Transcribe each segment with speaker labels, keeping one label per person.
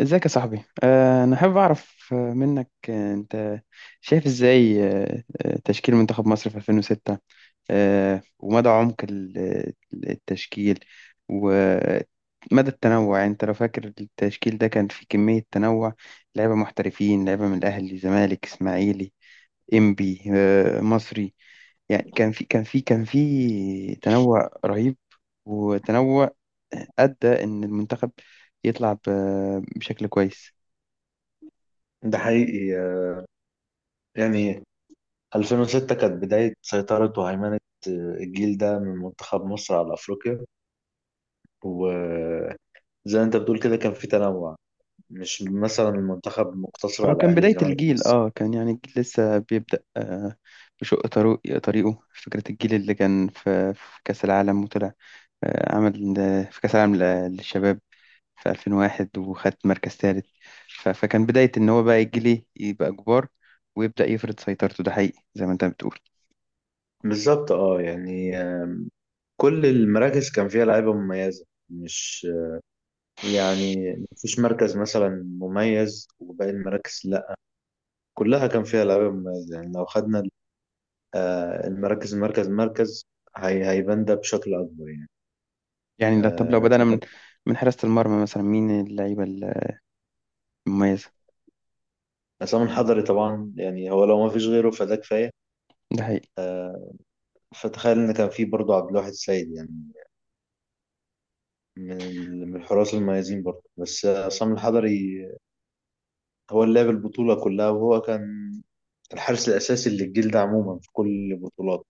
Speaker 1: ازيك يا صاحبي، انا حابب اعرف منك. انت شايف ازاي تشكيل منتخب مصر في 2006، ومدى عمق التشكيل، ومدى التنوع. يعني انت لو فاكر التشكيل ده كان فيه كمية تنوع، لعيبة محترفين، لعيبة من الاهلي، زمالك، اسماعيلي، انبي، مصري. يعني كان في تنوع رهيب، وتنوع أدى إن المنتخب يطلع بشكل كويس.
Speaker 2: ده حقيقي آه، يعني 2006 كانت بداية سيطرة وهيمنة آه، الجيل ده من منتخب مصر على أفريقيا، وزي ما أنت بتقول كده كان في تنوع، مش مثلا المنتخب مقتصر
Speaker 1: هو
Speaker 2: على
Speaker 1: كان
Speaker 2: أهلي
Speaker 1: بداية
Speaker 2: وزمالك
Speaker 1: الجيل،
Speaker 2: بس.
Speaker 1: اه، كان يعني الجيل لسه بيبدأ آه، بشق طريقه. فكرة الجيل اللي كان في, في كأس العالم وطلع، آه، عمل في كأس العالم للشباب في 2001 وخد مركز ثالث. فكان بداية ان هو بقى يجي ليه يبقى كبار، ويبدأ يفرض سيطرته. ده حقيقي زي ما انت بتقول.
Speaker 2: بالظبط اه، يعني كل المراكز كان فيها لعيبة مميزة، مش يعني مفيش مركز مثلا مميز وباقي المراكز لا، كلها كان فيها لعيبة مميزة. يعني لو خدنا المراكز مركز مركز هيبان ده بشكل أكبر يعني.
Speaker 1: يعني طب لو
Speaker 2: آه،
Speaker 1: بدأنا من من حراسة المرمى، مثلا مين اللعيبة المميزة؟
Speaker 2: عصام الحضري طبعا، يعني هو لو ما فيش غيره فده كفايه،
Speaker 1: ده حقيقي.
Speaker 2: فتخيل ان كان في برضه عبد الواحد السيد يعني من من الحراس المميزين برضه، بس عصام الحضري هو اللي لعب البطوله كلها، وهو كان الحارس الاساسي للجيل ده عموما في كل البطولات.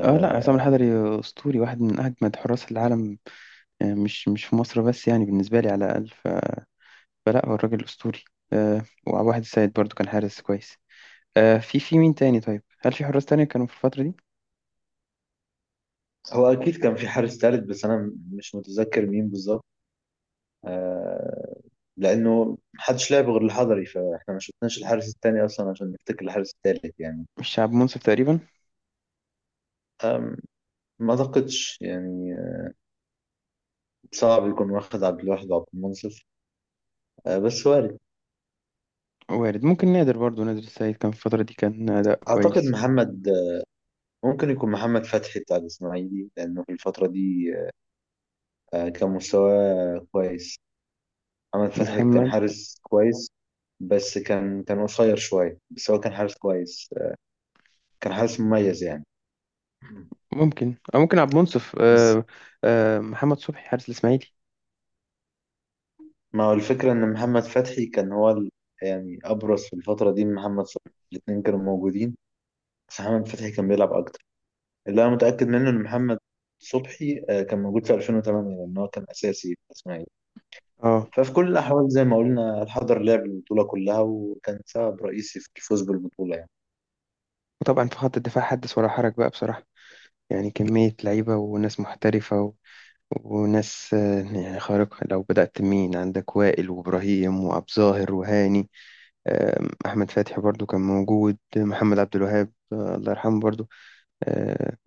Speaker 1: اه لا، عصام الحضري اسطوري، واحد من اجمد حراس العالم، مش في مصر بس، يعني بالنسبة لي على الاقل. فلا، هو الراجل أسطوري، آه، وواحد السيد برضو كان حارس كويس آه. في مين تاني؟ طيب هل في حراس تاني كانوا في الفترة دي؟
Speaker 2: هو اكيد كان في حارس ثالث، بس انا مش متذكر مين بالظبط، آه، لانه محدش لعب غير الحضري فاحنا ما شفناش الحارس الثاني اصلا عشان نفتكر الحارس الثالث يعني.
Speaker 1: الشعب منصف تقريبا.
Speaker 2: ما اعتقدش يعني، صعب يكون واخد عبد الواحد وعبد المنصف، بس وارد.
Speaker 1: وارد، ممكن نادر، برضو نادر السيد كان في الفترة دي كان أداء
Speaker 2: اعتقد
Speaker 1: كويس.
Speaker 2: محمد، ممكن يكون محمد فتحي بتاع الاسماعيلي، لانه في الفتره دي كان مستواه كويس، محمد فتحي كان
Speaker 1: محمد،
Speaker 2: حارس كويس، بس كان قصير شويه، بس هو كان حارس كويس، كان حارس مميز يعني.
Speaker 1: ممكن أو ممكن عبد المنصف،
Speaker 2: بس
Speaker 1: آه. محمد صبحي حارس الإسماعيلي.
Speaker 2: ما هو الفكره ان محمد فتحي كان هو يعني ابرز في الفتره دي من محمد صلاح، الاثنين كانوا موجودين بس محمد فتحي كان بيلعب اكتر. اللي انا متاكد منه ان محمد صبحي كان موجود في 2008 لان هو كان اساسي في الاسماعيلي.
Speaker 1: اه،
Speaker 2: ففي كل الاحوال زي ما قلنا الحضر لعب البطوله كلها وكان سبب رئيسي في الفوز بالبطوله يعني.
Speaker 1: وطبعا في خط الدفاع حدث ولا حرج بقى بصراحة. يعني كمية لعيبة وناس محترفة، وناس يعني خارقة. لو بدأت، مين عندك؟ وائل، وإبراهيم، وأبو ظاهر، وهاني، أحمد فتحي برضو كان موجود، محمد عبد الوهاب الله يرحمه برضو، آه،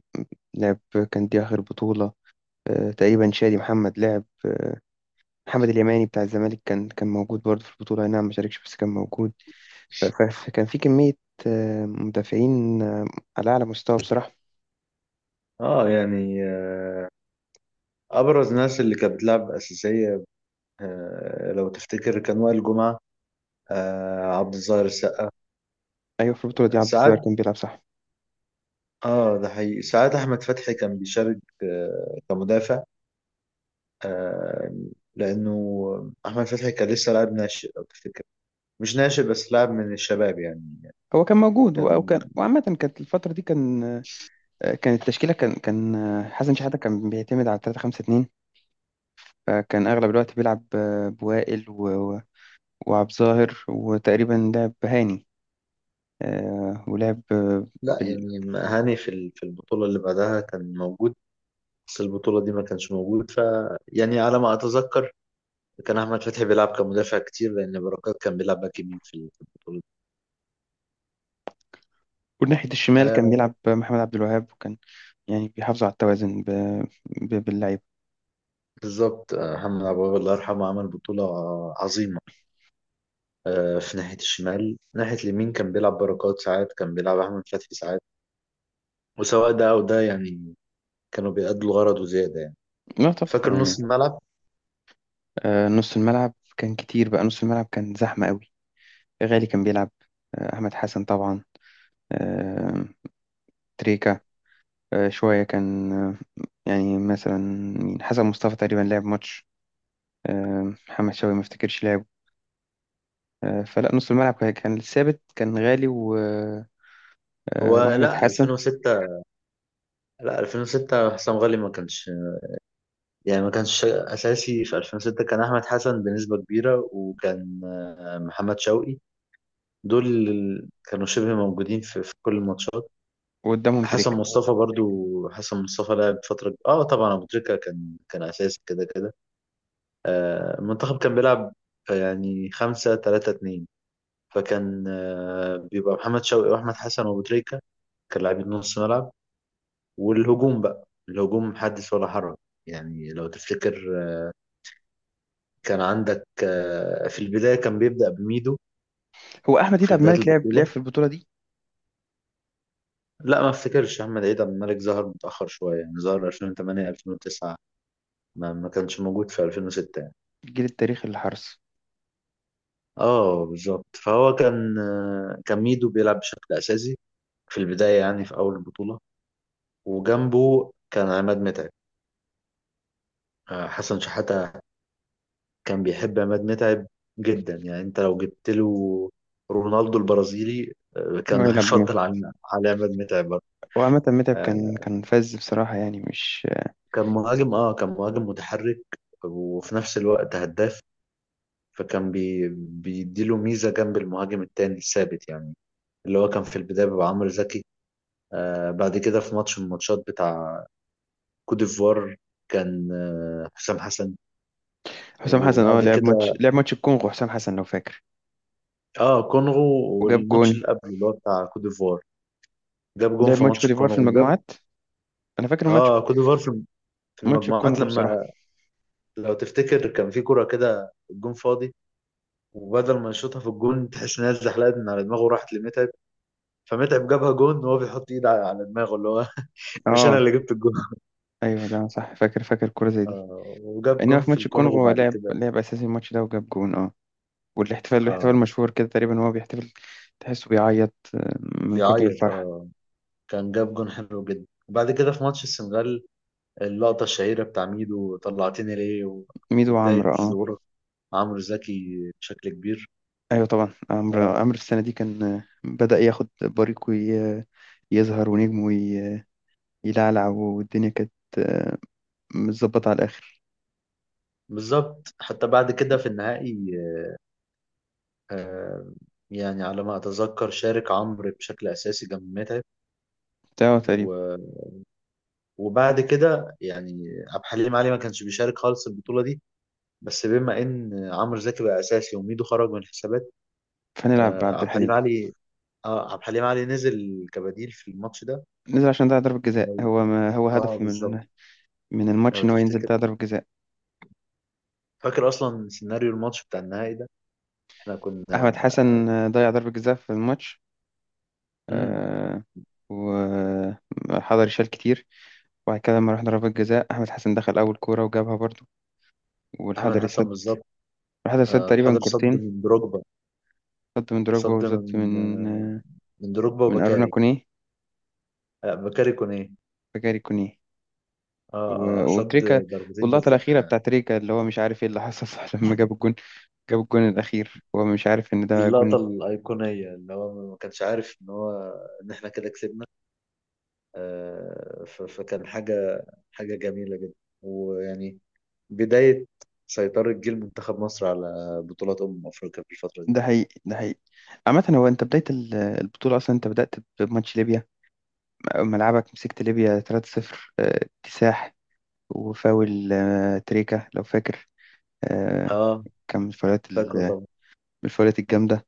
Speaker 1: لعب، كان دي آخر بطولة تقريبا، شادي محمد لعب، محمد اليماني بتاع الزمالك كان موجود برضو في البطولة، أي نعم ما شاركش بس كان موجود. كان في كمية مدافعين على أعلى مستوى بصراحة.
Speaker 2: اه يعني، ابرز ناس اللي كانت بتلعب اساسيه، لو تفتكر كان وائل جمعه، عبد الظاهر السقا
Speaker 1: أيوة، في البطولة دي عبد الصغير
Speaker 2: ساعات.
Speaker 1: كان بيلعب صح.
Speaker 2: اه ده حقيقي، ساعات احمد فتحي كان بيشارك كمدافع، آه، لانه احمد فتحي كان لسه لاعب ناشئ لو تفتكر، مش ناشئ بس لاعب من الشباب يعني.
Speaker 1: هو كان موجود، وكان،
Speaker 2: كان
Speaker 1: وعامة كانت الفترة دي كان كانت التشكيلة، كان كان آه، حسن شحاتة كان بيعتمد على 3 5 2. فكان أغلب الوقت بيلعب بوائل وعبد الظاهر، وتقريبا لعب هاني ولعب
Speaker 2: لا، يعني هاني في في البطولة اللي بعدها كان موجود، بس البطولة دي ما كانش موجود. ف يعني على ما أتذكر كان أحمد فتحي بيلعب كمدافع كتير، لأن بركات كان بيلعب باك يمين في في البطولة دي.
Speaker 1: وناحية الشمال كان
Speaker 2: آه
Speaker 1: بيلعب محمد عبد الوهاب، وكان يعني بيحافظ على التوازن باللعيبة.
Speaker 2: بالظبط، محمد عبد الوهاب الله يرحمه عمل بطولة عظيمة. في ناحية الشمال، ناحية اليمين كان بيلعب بركات ساعات، كان بيلعب أحمد فتحي ساعات. وسواء ده أو ده يعني، كانوا بيأدوا الغرض وزيادة يعني.
Speaker 1: لا طبعا
Speaker 2: فاكر نص
Speaker 1: يعني.
Speaker 2: الملعب،
Speaker 1: نص الملعب كان كتير بقى، نص الملعب كان زحمة قوي. غالي كان بيلعب، أحمد حسن طبعا، آه، تريكا شوية كان، يعني مثلا مين؟ حسن مصطفى تقريبا لعب ماتش، محمد شوقي ما افتكرش لعب فلا، نص الملعب كان ثابت، كان غالي و... آه،
Speaker 2: هو
Speaker 1: واحمد
Speaker 2: لا
Speaker 1: حسن.
Speaker 2: 2006، لا 2006 حسام غالي ما كانش، يعني ما كانش اساسي في 2006، كان احمد حسن بنسبه كبيره، وكان محمد شوقي، دول كانوا شبه موجودين في كل الماتشات.
Speaker 1: وقدامهم
Speaker 2: حسن
Speaker 1: تريكت.
Speaker 2: مصطفى برضو، حسن مصطفى لعب فتره. اه طبعا ابو تريكه كان اساسي كده كده. المنتخب كان بيلعب يعني 5 3 2، فكان بيبقى محمد شوقي واحمد حسن وابو تريكه كان لاعبين نص ملعب. والهجوم بقى، الهجوم حدث ولا حرج. يعني لو تفتكر كان عندك في البداية كان بيبدأ بميدو
Speaker 1: هو احمد ديد
Speaker 2: في
Speaker 1: عبد
Speaker 2: بداية
Speaker 1: الملك لعب
Speaker 2: البطولة.
Speaker 1: في البطوله دي؟
Speaker 2: لا ما افتكرش، أحمد عيد عبد الملك ظهر متأخر شوية، يعني ظهر 2008 2009، ما كانش موجود في 2006 يعني.
Speaker 1: الجيل التاريخي للحرس.
Speaker 2: اه بالظبط، فهو كان كان ميدو بيلعب بشكل أساسي في البداية يعني في أول البطولة، وجنبه كان عماد متعب. حسن شحاتة كان بيحب عماد متعب جدا يعني، أنت لو جبت له رونالدو البرازيلي
Speaker 1: هو
Speaker 2: كان
Speaker 1: يلعب متعب،
Speaker 2: هيفضل على عماد متعب.
Speaker 1: وعامة متعب كان فاز بصراحة، يعني مش.
Speaker 2: كان مهاجم متحرك وفي نفس الوقت هداف، فكان بيديله ميزة جنب المهاجم التاني الثابت يعني، اللي هو كان في البداية بيبقى عمرو زكي. آه بعد كده في ماتش من الماتشات بتاع كوت ديفوار كان حسام حسن،
Speaker 1: حسام حسن، اه،
Speaker 2: وبعد كده
Speaker 1: لعب ماتش الكونغو حسام حسن لو فاكر،
Speaker 2: اه كونغو.
Speaker 1: وجاب جون.
Speaker 2: والماتش اللي قبله اللي هو بتاع كوت ديفوار، جاب جون
Speaker 1: لعب
Speaker 2: في
Speaker 1: ماتش
Speaker 2: ماتش
Speaker 1: كوت ديفوار في
Speaker 2: الكونغو. وجاب
Speaker 1: المجموعات، انا فاكر
Speaker 2: اه كوت ديفوار في
Speaker 1: ماتش
Speaker 2: المجموعات
Speaker 1: الكونغو بصراحة،
Speaker 2: لما، لو تفتكر كان في كرة كده الجون فاضي، وبدل ما يشوطها في الجون تحس انها اتزحلقت من على دماغه وراحت لمتعب، فمتعب جابها جون وهو بيحط ايده على دماغه اللي هو مش انا
Speaker 1: اه.
Speaker 2: اللي جبت الجون.
Speaker 1: ايوه ده صح، فاكر كورة زي دي.
Speaker 2: آه وجاب
Speaker 1: انما
Speaker 2: جون
Speaker 1: في
Speaker 2: في
Speaker 1: ماتش الكونغو
Speaker 2: الكونغو
Speaker 1: هو
Speaker 2: بعد كده.
Speaker 1: لعب اساسي الماتش ده وجاب جون اه. الاحتفال
Speaker 2: اه
Speaker 1: مشهور كده، تقريبا هو بيحتفل، تحسه بيعيط من كتر
Speaker 2: بيعيط
Speaker 1: الفرحة.
Speaker 2: اه، كان جاب جون حلو جدا. وبعد كده في ماتش السنغال اللقطة الشهيرة بتاع ميدو طلعتني ليه
Speaker 1: ميدو
Speaker 2: وبداية
Speaker 1: وعمرو، اه.
Speaker 2: ظهور عمرو زكي بشكل كبير.
Speaker 1: ايوه طبعا،
Speaker 2: آه
Speaker 1: عمرو السنة دي كان بدأ ياخد بريقه، يظهر، ونجمه يلعلع، والدنيا كانت آه، متظبطة على الآخر
Speaker 2: بالظبط، حتى بعد كده في النهائي آه يعني على ما أتذكر شارك عمرو بشكل أساسي جنب متعب،
Speaker 1: بتاعه تقريبا.
Speaker 2: و وبعد كده يعني عبد الحليم علي ما كانش بيشارك خالص البطولة دي، بس بما ان عمرو زكي بقى اساسي وميدو خرج من الحسابات
Speaker 1: فنلعب
Speaker 2: آه،
Speaker 1: بعبد
Speaker 2: عبد الحليم
Speaker 1: الحليم.
Speaker 2: علي اه عبد الحليم علي نزل كبديل في الماتش ده.
Speaker 1: نزل عشان ده ضربة جزاء،
Speaker 2: ولو-
Speaker 1: هو ما هو
Speaker 2: اه
Speaker 1: هدفي
Speaker 2: بالظبط،
Speaker 1: من من الماتش
Speaker 2: لو
Speaker 1: إن هو ينزل،
Speaker 2: تفتكر،
Speaker 1: ده ضربة جزاء.
Speaker 2: فاكر اصلا سيناريو الماتش بتاع النهائي ده، احنا كنا.
Speaker 1: أحمد حسن ضيع ضربة جزاء في الماتش
Speaker 2: امم
Speaker 1: آه، وحضري شال كتير. وبعد كده لما رحنا ضربات جزاء، أحمد حسن دخل أول كورة وجابها برضو،
Speaker 2: احمد
Speaker 1: والحضري
Speaker 2: حسن
Speaker 1: سد.
Speaker 2: بالظبط،
Speaker 1: الحضري سد تقريبا
Speaker 2: الحضري صد
Speaker 1: كورتين،
Speaker 2: من دروجبا،
Speaker 1: سد من دروجبا،
Speaker 2: صد
Speaker 1: وسد
Speaker 2: من
Speaker 1: من
Speaker 2: آه، من دروجبا
Speaker 1: من أرونا
Speaker 2: وبكاري،
Speaker 1: كونيه،
Speaker 2: بكاري كونيه.
Speaker 1: فجاري كونيه،
Speaker 2: اه صد
Speaker 1: وتريكا.
Speaker 2: ضربتين
Speaker 1: واللقطة
Speaker 2: جزاء.
Speaker 1: الأخيرة بتاع تريكا، اللي هو مش عارف إيه اللي حصل صح، لما جاب الجون الأخير هو مش عارف إن
Speaker 2: دي
Speaker 1: ده
Speaker 2: اللقطة
Speaker 1: جون.
Speaker 2: الأيقونية اللي هو ما كانش عارف إن هو إن إحنا كده كسبنا. فكان حاجة جميلة جدا، ويعني بداية سيطرة جيل منتخب مصر على بطولات أمم أفريقيا في الفترة دي.
Speaker 1: ده حقيقي، ده حقيقي. عامة هو أنت، بداية البطولة أصلا أنت بدأت بماتش ليبيا، ملعبك مسكت ليبيا 3-0 آه، اكتساح. وفاول تريكا لو فاكر آه،
Speaker 2: آه
Speaker 1: كان من الفاولات
Speaker 2: فاكره
Speaker 1: من
Speaker 2: طبعا.
Speaker 1: الفاولات الجامدة.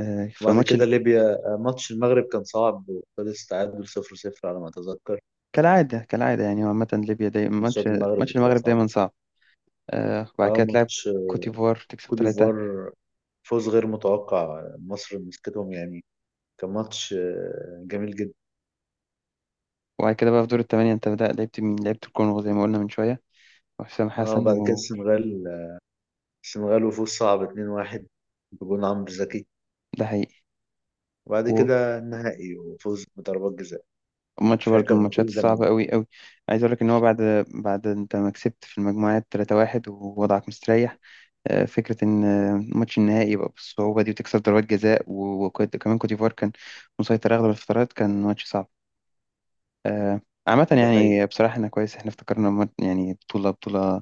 Speaker 1: آه،
Speaker 2: وبعد
Speaker 1: فماتش
Speaker 2: كده
Speaker 1: ال-
Speaker 2: ليبيا، ماتش المغرب كان صعب وخلص تعادل 0-0 على ما أتذكر،
Speaker 1: كالعادة، كالعادة. يعني هو عامة ليبيا دايما
Speaker 2: ماتشات المغرب
Speaker 1: ماتش
Speaker 2: بتبقى
Speaker 1: المغرب
Speaker 2: صعبة.
Speaker 1: دايما صعب. وبعد كده تلعب
Speaker 2: ماتش
Speaker 1: كوتيفوار، تكسب
Speaker 2: كوت
Speaker 1: ثلاثة.
Speaker 2: ديفوار، فوز غير متوقع، مصر مسكتهم يعني، كان ماتش جميل جدا.
Speaker 1: وبعد كده بقى في دور الثمانية انت بدأت، لعبت مين؟ لعبت الكونغو زي ما قلنا من شوية وحسام
Speaker 2: اه
Speaker 1: حسن،
Speaker 2: وبعد كده
Speaker 1: وده
Speaker 2: السنغال وفوز صعب 2-1 بجون عمرو زكي.
Speaker 1: حقيقي.
Speaker 2: وبعد كده النهائي وفوز بضربات جزاء،
Speaker 1: وماتش
Speaker 2: فهي
Speaker 1: برضه من
Speaker 2: كانت
Speaker 1: الماتشات
Speaker 2: بطولة
Speaker 1: الصعبة
Speaker 2: جميلة.
Speaker 1: أوي أوي. عايز أقول لك إن هو بعد، أنت ما كسبت في المجموعات 3-1، ووضعك مستريح، فكرة إن ماتش النهائي يبقى بالصعوبة دي، وتكسب ضربات جزاء، وكمان كوت ديفوار كان مسيطر أغلب الفترات، كان ماتش صعب آه، عامة
Speaker 2: ده حقيقي،
Speaker 1: يعني. بصراحة إحنا كويس إحنا افتكرنا، يعني بطولة، بطولة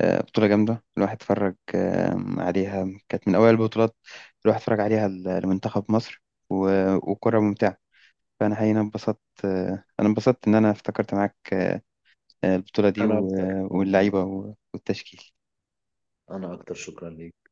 Speaker 1: بطولة جامدة. الواحد اتفرج عليها، كانت من أوائل البطولات الواحد اتفرج عليها لمنتخب مصر، وكرة ممتعة. فأنا حقيقي أنا انبسطت إن أنا افتكرت معاك البطولة دي
Speaker 2: أنا أكتر.
Speaker 1: واللعيبة والتشكيل.
Speaker 2: شكرا ليك.